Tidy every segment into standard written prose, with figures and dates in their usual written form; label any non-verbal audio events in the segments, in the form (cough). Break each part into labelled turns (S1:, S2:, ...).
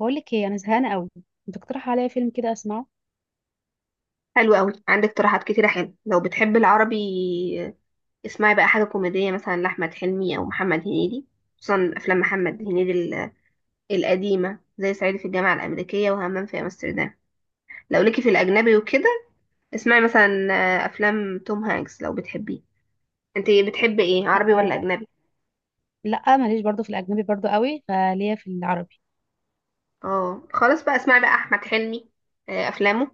S1: بقول لك ايه، انا زهقانه قوي. انت تقترح عليا فيلم كده اسمعه.
S2: حلو قوي، عندك اقتراحات كتيرة حلوة. لو بتحب العربي اسمعي بقى حاجة كوميدية مثلا لأحمد حلمي أو محمد هنيدي. خصوصا أفلام محمد هنيدي القديمة زي صعيدي في الجامعة الأمريكية وهمام في أمستردام. لو ليكي في الأجنبي وكده اسمعي مثلا أفلام توم هانكس لو بتحبيه. انت بتحبي ايه، عربي ولا
S1: آه،
S2: أجنبي؟
S1: لا ماليش برضو في الاجنبي، برضو قوي فليا في العربي.
S2: اه، خلاص بقى اسمعي بقى أحمد حلمي، أفلامه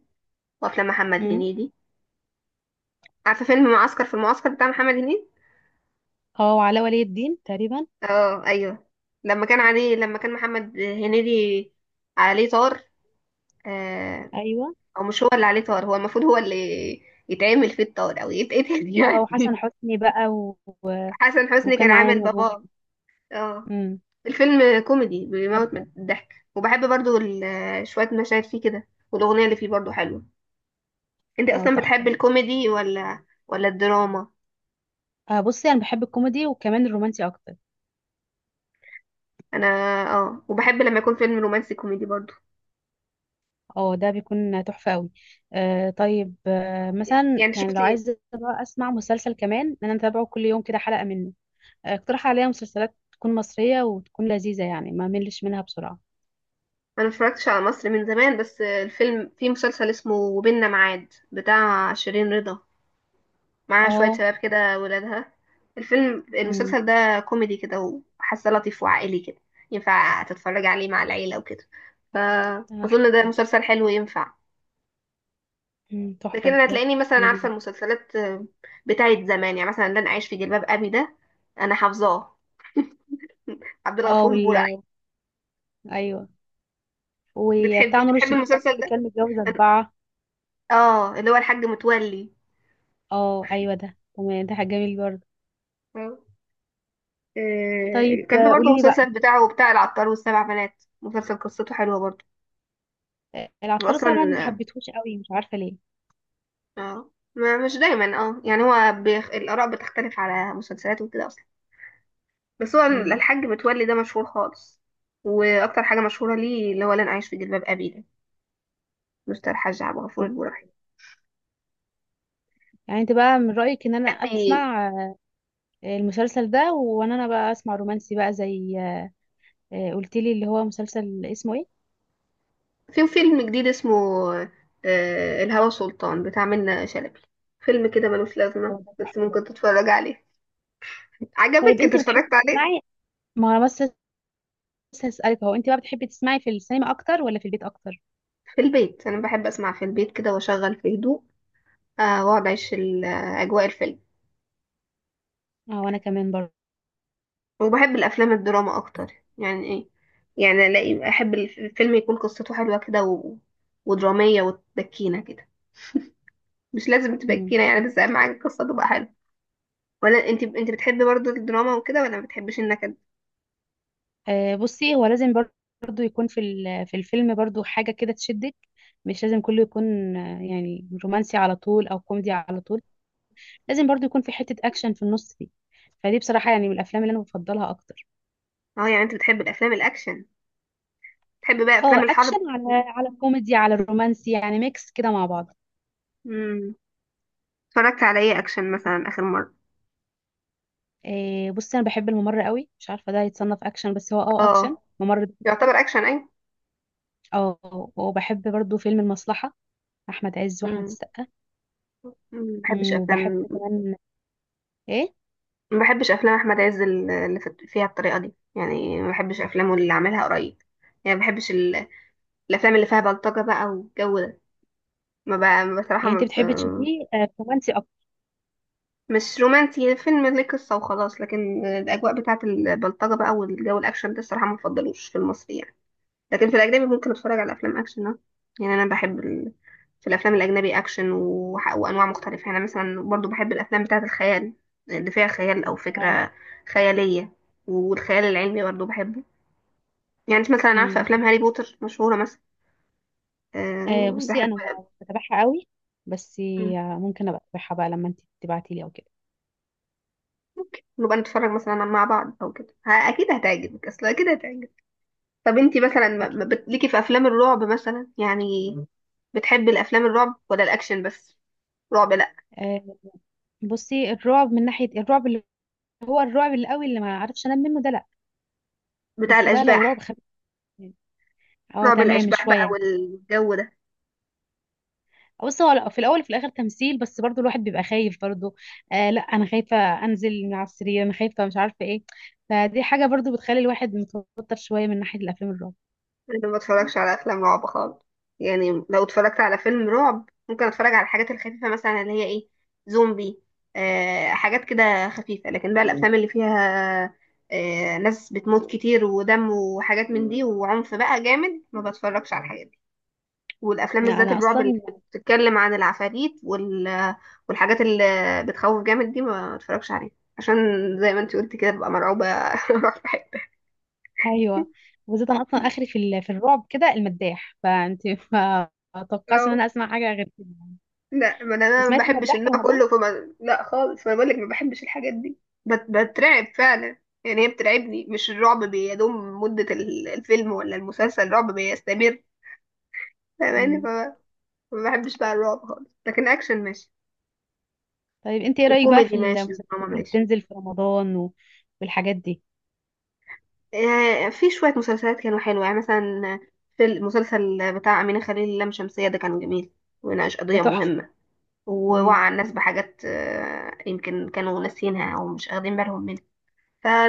S2: وأفلام محمد
S1: امم.
S2: هنيدي. عارفة فيلم معسكر في المعسكر بتاع محمد هنيدي؟
S1: اه، وعلاء ولي الدين تقريبا.
S2: اه ايوه. لما كان عليه، لما كان محمد هنيدي عليه طار. آه.
S1: ايوه.
S2: او مش هو اللي عليه طار، هو المفروض هو اللي يتعمل فيه الطار او يتقتل
S1: اه، وحسن
S2: يعني (laughs)
S1: حسني بقى
S2: حسن حسني
S1: وكان
S2: كان
S1: معايا
S2: عامل
S1: مجموعه.
S2: باباه. اه،
S1: امم.
S2: الفيلم كوميدي
S1: حلو
S2: بيموت
S1: أوي.
S2: من الضحك، وبحب برضو شوية مشاهد فيه كده، والأغنية اللي فيه برضو حلوة. انت
S1: اه،
S2: اصلا بتحب
S1: تحفه.
S2: الكوميدي ولا الدراما؟
S1: بصي انا بحب الكوميدي وكمان الرومانسي اكتر.
S2: انا اه، وبحب لما يكون فيلم رومانسي كوميدي برضو.
S1: اه، ده بيكون تحفه قوي. طيب، مثلا
S2: يعني انت
S1: يعني لو
S2: شفتي؟
S1: عايزه بقى اسمع مسلسل كمان، انا متابعه كل يوم كده حلقه منه. اقترح عليا مسلسلات تكون مصريه وتكون لذيذه، يعني ما ملش منها بسرعه.
S2: انا متفرجتش على مصر من زمان، بس الفيلم في مسلسل اسمه وبيننا ميعاد بتاع شيرين رضا، معاها شوية
S1: اه.
S2: شباب كده ولادها. الفيلم
S1: امم.
S2: المسلسل ده كوميدي كده، وحاسه لطيف وعائلي كده، ينفع تتفرج عليه مع العيلة وكده.
S1: اه، حلو
S2: فأظن ده
S1: ده.
S2: مسلسل حلو ينفع.
S1: امم،
S2: لكن
S1: تحفة
S2: انا
S1: ده.
S2: هتلاقيني مثلا عارفة
S1: جميل.
S2: المسلسلات بتاعت زمان، يعني مثلا لن أعيش في جلباب أبي ده، انا حافظاه، عبد
S1: اه
S2: الغفور البرعي.
S1: ايوه،
S2: بتحبي
S1: وبتاع نور
S2: بتحبي
S1: الشريف برضه
S2: المسلسل
S1: اللي
S2: ده،
S1: كان متجوز أربعة.
S2: اه اللي هو الحاج متولي.
S1: اه، ايوه، ده تمام، ده حاجة جميل برضه. طيب،
S2: كان في برضه
S1: قولي لي بقى.
S2: مسلسل بتاعه بتاع العطار والسبع بنات، مسلسل قصته حلوة برضه.
S1: العطار
S2: واصلا
S1: طبعا ما حبيتهوش قوي، مش عارفة ليه.
S2: اه، مش دايما، اه يعني هو الآراء بتختلف على مسلسلات وكده اصلا. بس هو
S1: امم.
S2: الحاج متولي ده مشهور خالص. واكتر حاجة مشهورة ليه اللي هو لن أعيش في جلباب أبي ده، مستر الحاج عبد الغفور
S1: اه ده.
S2: البرعي.
S1: يعني انت بقى من رأيك ان انا
S2: حد-
S1: اسمع المسلسل ده، وانا انا بقى اسمع رومانسي بقى، زي قلت لي اللي هو مسلسل اسمه ايه.
S2: في فيلم جديد اسمه الهوى سلطان بتاع منة شلبي. فيلم كده ملوش
S1: اه،
S2: لازمة،
S1: ده
S2: بس
S1: تحفة ده.
S2: ممكن تتفرج عليه.
S1: طيب،
S2: عجبك، انت
S1: انت
S2: اتفرجت
S1: بتحبي
S2: عليه؟
S1: تسمعي، ما انا بس لسه هسألك، هو انت بقى بتحبي تسمعي في السينما اكتر ولا في البيت اكتر.
S2: في البيت، انا بحب اسمع في البيت كده واشغل في هدوء، واقعد اعيش اجواء الفيلم.
S1: اه، وانا كمان برضه.
S2: وبحب الافلام الدراما اكتر. يعني ايه؟ يعني الاقي احب الفيلم يكون قصته حلوه كده و... ودراميه وتبكينا كده. مش لازم
S1: مم.
S2: تبكينا يعني، بس اهم حاجه القصه تبقى حلوه. ولا انت، انت بتحبي برضو الدراما وكده ولا ما بتحبش النكد؟
S1: بصي هو لازم برضه يكون في الفيلم برضه حاجة كده تشدك. مش لازم كله يكون يعني رومانسي على طول او كوميدي على طول، لازم برضه يكون في حتة اكشن في النص دي. فدي بصراحة يعني من الافلام اللي انا بفضلها اكتر.
S2: اه يعني انت بتحب الافلام الاكشن؟ بتحب بقى
S1: اه،
S2: افلام الحرب؟
S1: اكشن على كوميدي على رومانسي، يعني ميكس كده مع بعض.
S2: امم، اتفرجت على ايه اكشن مثلا اخر مره؟
S1: بصي انا بحب الممر قوي، مش عارفة ده يتصنف اكشن، بس هو اكشن،
S2: اه،
S1: ممر ده.
S2: يعتبر
S1: تحفة.
S2: اكشن اي.
S1: اه، وبحب برضه فيلم المصلحة، احمد عز واحمد
S2: امم،
S1: السقا.
S2: ما بحبش
S1: وبحب
S2: افلام.
S1: كمان ايه.
S2: ما بحبش افلام احمد عز اللي فيها الطريقه دي، يعني ما بحبش افلامه اللي عملها قريب. يعني ما بحبش الافلام اللي فيها بلطجه بقى والجو ده. ما بقى بصراحه
S1: يعني
S2: ما
S1: انت
S2: ب...
S1: بتحبي تشوفيه رومانسي اكتر.
S2: مش رومانسي، فيلم ليه قصه وخلاص، لكن الاجواء بتاعه البلطجه بقى والجو الاكشن ده الصراحه ما بفضلوش في المصري يعني. لكن في الأجنبي ممكن أتفرج على أفلام أكشن، اه. يعني أنا بحب في الأفلام الأجنبي أكشن وأنواع مختلفة. يعني أنا مثلا برضو بحب الأفلام بتاعة الخيال، اللي فيها خيال أو
S1: اه.
S2: فكرة خيالية، والخيال العلمي برضو بحبه. يعني أنت مثلا عارفة
S1: امم.
S2: أفلام هاري بوتر مشهورة مثلا؟ أه
S1: بصي
S2: بحب.
S1: انا مش بتابعها قوي، بس
S2: مم.
S1: ممكن ابقى اتابعها بقى لما انت تبعتي لي او كده.
S2: نبقى نتفرج مثلا مع بعض أو كده، أكيد هتعجبك، أصل أكيد هتعجبك. طب أنت مثلا ما-
S1: اكيد.
S2: ما بت- ليكي في أفلام الرعب مثلا يعني؟ مم. بتحبي الأفلام الرعب ولا الأكشن بس؟ رعب لأ.
S1: آه، بصي الرعب، من ناحيه الرعب اللي هو الرعب القوي اللي ما اعرفش انام منه، ده لا.
S2: بتاع
S1: بس بقى لو رعب
S2: الأشباح.
S1: خفيف يعني، اه
S2: رعب
S1: تمام،
S2: الأشباح
S1: شويه
S2: بقى
S1: يعني.
S2: والجو ده،
S1: بص، هو في الاول وفي الاخر تمثيل، بس برضو الواحد بيبقى خايف برضو. آه لا، انا خايفه انزل من على السرير، انا خايفه مش عارفه ايه. فدي حاجه برضو بتخلي الواحد متوتر شويه من ناحيه الافلام الرعب.
S2: أنا ما بتفرجش على أفلام رعب خالص. يعني لو اتفرجت على فيلم رعب ممكن أتفرج على الحاجات الخفيفة مثلا، اللي هي إيه، زومبي. آه، حاجات كده خفيفة. لكن بقى الأفلام اللي فيها آه ناس بتموت كتير ودم وحاجات من دي وعنف بقى جامد، ما بتفرجش على الحاجات دي. والأفلام
S1: انا
S2: بالذات
S1: أنا
S2: الرعب اللي
S1: اصلا.
S2: بتتكلم عن العفاريت والحاجات اللي بتخوف جامد دي ما بتفرجش عليها. عشان زي ما انت قلت كده ببقى مرعوبة (laughs) اروح في حتة.
S1: ايوه. وبالذات انا اصلا اخري في الرعب كده، المداح، فانت (laughs) ما اتوقعش ان
S2: اه
S1: انا اسمع حاجه غير كده.
S2: لا، ما انا أنا ما
S1: سمعت
S2: بحبش
S1: المداح في
S2: النوع
S1: رمضان.
S2: كله فما لا خالص، ما بقولك ما بحبش الحاجات دي. بترعب فعلا يعني، هي بترعبني. مش الرعب بيدوم مدة الفيلم ولا المسلسل، الرعب بيستمر. فاهماني،
S1: مم.
S2: فما ما بحبش بقى الرعب خالص. لكن اكشن ماشي
S1: طيب، انت ايه رايك بقى في
S2: وكوميدي ماشي ودراما
S1: المسلسلات اللي
S2: ماشي.
S1: بتنزل في رمضان والحاجات دي.
S2: آه في شوية مسلسلات كانوا حلوة، يعني مثلا في المسلسل بتاع أمينة خليل، اللام شمسية ده كان جميل وناقش
S1: ده
S2: قضية
S1: تحفه.
S2: مهمة،
S1: مم.
S2: ووعى الناس بحاجات يمكن كانوا ناسينها أو مش واخدين بالهم منها.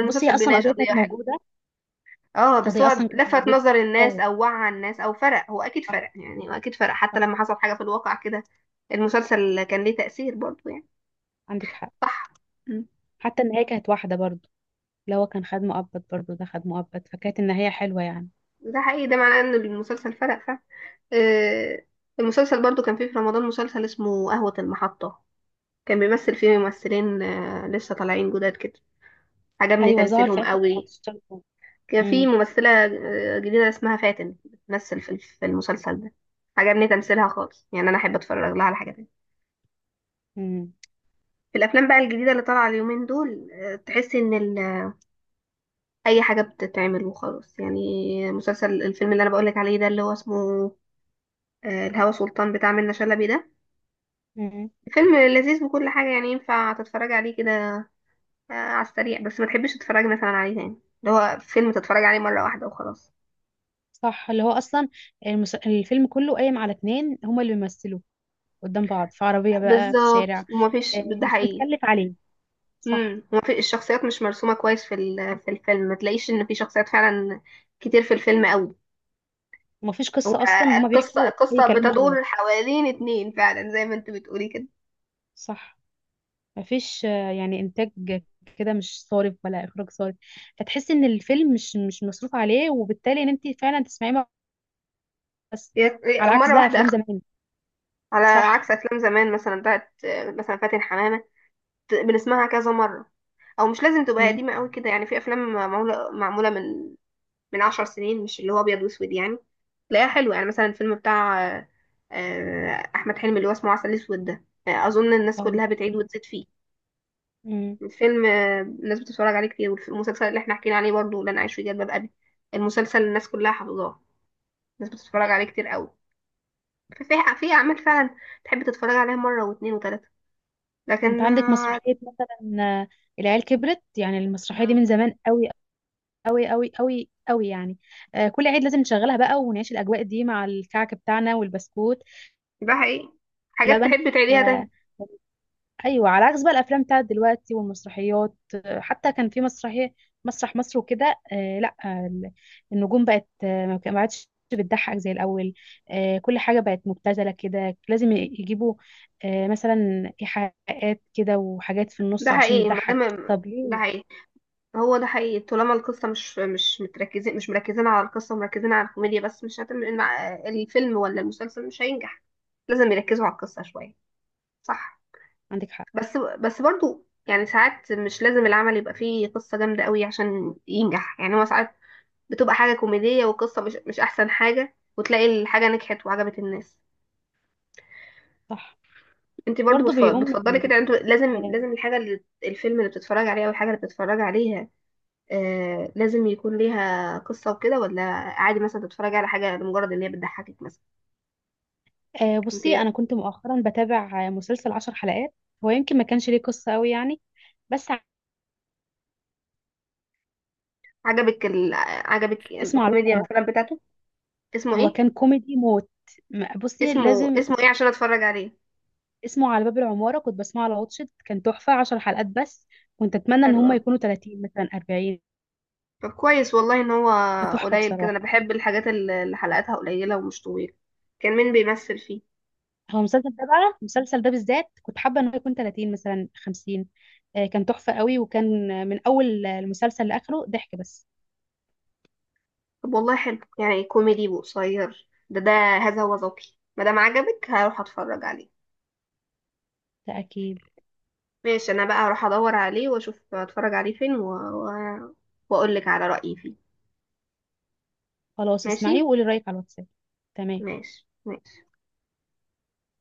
S1: بصي هي اصلا
S2: بيناقش
S1: القضيه
S2: قضية
S1: كانت
S2: حلوة.
S1: موجوده،
S2: اه بس
S1: القضيه
S2: هو
S1: اصلا كانت
S2: لفت
S1: موجوده.
S2: نظر الناس
S1: اه،
S2: او وعى الناس او فرق، هو اكيد
S1: صح،
S2: فرق، يعني هو اكيد فرق
S1: صح،
S2: حتى لما حصل حاجة في الواقع كده. المسلسل كان ليه تأثير برضو يعني.
S1: عندك حق.
S2: صح. مم.
S1: حتى النهايه كانت واحده برضو، اللي هو كان خد مؤبد برضو، ده خد مؤبد، فكانت النهايه حلوه يعني.
S2: ده حقيقي، ده معناه ان المسلسل فرق فعلا. آه، المسلسل برضو كان فيه في رمضان مسلسل اسمه قهوة المحطة. كان بيمثل فيه ممثلين لسه طالعين جداد كده. عجبني
S1: ايوه، ظهر في
S2: تمثيلهم
S1: اخر
S2: قوي.
S1: 15 سنه.
S2: كان في
S1: امم.
S2: ممثلة جديدة اسمها فاتن بتمثل في المسلسل ده. عجبني تمثيلها خالص، يعني أنا أحب أتفرج لها على حاجة تانية. في الأفلام بقى الجديدة اللي طالعة اليومين دول، تحس إن أي حاجة بتتعمل وخلاص يعني. مسلسل الفيلم اللي أنا بقولك عليه ده اللي هو اسمه الهوى سلطان بتاع منة شلبي ده،
S1: امم.
S2: فيلم لذيذ وكل حاجة، يعني ينفع تتفرج عليه كده على السريع، بس ما تحبش تتفرج مثلا عليه تاني، اللي هو فيلم تتفرج عليه مرة واحدة وخلاص.
S1: صح. اللي هو اصلا الفيلم كله قايم على اتنين هما اللي بيمثلوا قدام بعض في عربية بقى في
S2: بالظبط،
S1: الشارع.
S2: ومفيش، ده
S1: مش
S2: حقيقي.
S1: متكلف عليه. صح.
S2: امم، وفي الشخصيات مش مرسومه كويس في في الفيلم، ما تلاقيش ان في شخصيات فعلا كتير في الفيلم قوي.
S1: مفيش
S2: هو
S1: قصة اصلا، هما
S2: القصه
S1: بيحكوا اي
S2: القصه
S1: كلام وخلاص.
S2: بتدور حوالين اتنين فعلا زي ما انت بتقولي كده.
S1: صح. مفيش يعني انتاج كده، مش صارف ولا اخراج صارف، فتحس ان الفيلم مش مصروف عليه، وبالتالي ان انت فعلا تسمعيه بس،
S2: هي
S1: على عكس
S2: مره
S1: بقى
S2: واحده
S1: افلام
S2: اخد.
S1: زمان.
S2: على
S1: صح.
S2: عكس افلام زمان مثلا بتاعت مثلا فاتن حمامه، بنسمعها كذا مره. او مش لازم تبقى
S1: امم.
S2: قديمه قوي كده، يعني في افلام معموله من 10 سنين، مش اللي هو ابيض واسود يعني، تلاقيها حلوه. يعني مثلا الفيلم بتاع احمد حلمي اللي هو اسمه عسل اسود ده، اظن الناس
S1: اه، ده
S2: كلها
S1: صح.
S2: بتعيد وتزيد فيه.
S1: امم.
S2: فيلم الناس بتتفرج عليه كتير. والمسلسل اللي احنا حكينا عليه برضه لن اعيش في جلباب ابي، المسلسل الناس كلها حافظاه، الناس بتتفرج
S1: صح.
S2: عليه كتير قوي. ففي في اعمال فعلا تحب تتفرج عليها مره واتنين وتلاته.
S1: انت
S2: لكن
S1: عندك
S2: آه.
S1: مسرحية مثلا العيال كبرت، يعني المسرحية دي
S2: مم.
S1: من زمان قوي، أوي أوي أوي أوي يعني. كل عيد لازم نشغلها بقى ونعيش الأجواء دي مع الكعك بتاعنا والبسكوت
S2: ده حقيقي، حاجات
S1: واللبن.
S2: تحب
S1: ف...
S2: تعيديها تاني.
S1: أيوة، على عكس بقى الأفلام بتاعت دلوقتي والمسرحيات. حتى كان في مسرحية مسرح مصر وكده، لا، النجوم بقت، ما عادش بتضحك زي الأول. كل حاجة بقت مبتذلة كده، لازم يجيبوا مثلا إيحاءات كده وحاجات في
S2: ده
S1: النص عشان
S2: حقيقي ما
S1: تضحك.
S2: دام،
S1: طب
S2: ده
S1: ليه؟
S2: حقيقي. هو ده حقيقي، طالما القصة مش متركزين، مش مركزين على القصة، مركزين على الكوميديا بس، مش هتم الفيلم ولا المسلسل، مش هينجح. لازم يركزوا على القصة شوية. صح.
S1: عندك حق،
S2: بس بس برضو يعني ساعات مش لازم العمل يبقى فيه قصة جامدة قوي عشان ينجح، يعني هو ساعات بتبقى حاجة كوميدية وقصة مش أحسن حاجة، وتلاقي الحاجة نجحت وعجبت الناس.
S1: صح،
S2: انت برضو
S1: برضه بيقوم.
S2: بتفضلي كده، انت لازم لازم الحاجة اللي الفيلم اللي بتتفرج عليه او الحاجة اللي بتتفرج عليها آه لازم يكون ليها قصة وكده، ولا عادي مثلا تتفرجي على حاجة لمجرد ان هي بتضحكك مثلا؟ انت
S1: بصي انا كنت مؤخرا بتابع مسلسل 10 حلقات، هو يمكن ما كانش ليه قصه قوي يعني، بس
S2: عجبك عجبك
S1: اسمه على باب
S2: الكوميديا
S1: العماره.
S2: مثلا بتاعته؟ اسمه
S1: هو
S2: ايه؟
S1: كان كوميدي موت. بصي
S2: اسمه
S1: لازم،
S2: اسمه ايه عشان اتفرج عليه؟
S1: اسمه على باب العماره، كنت بسمعه على واتشت، كان تحفه 10 حلقات بس. كنت اتمنى ان
S2: حلو
S1: هم
S2: أوي.
S1: يكونوا 30 مثلا 40.
S2: طب كويس والله ان هو
S1: هو تحفه
S2: قليل كده، انا
S1: بصراحه.
S2: بحب الحاجات اللي حلقاتها قليله ومش طويله. كان مين بيمثل فيه؟
S1: هو المسلسل ده بقى، المسلسل ده بالذات كنت حابه انه يكون 30 مثلا 50. كان تحفه قوي، وكان من اول المسلسل لاخره ضحك بس.
S2: طب والله حلو، يعني كوميدي وقصير ده ده هذا هو ذوقي. ما دام عجبك هروح اتفرج عليه.
S1: ده اكيد.
S2: ماشي، انا بقى هروح ادور عليه واشوف اتفرج عليه فين و... و... واقول لك على رايي فيه.
S1: خلاص،
S2: ماشي،
S1: اسمعيه وقولي رايك على الواتساب. تمام.
S2: ماشي، ماشي.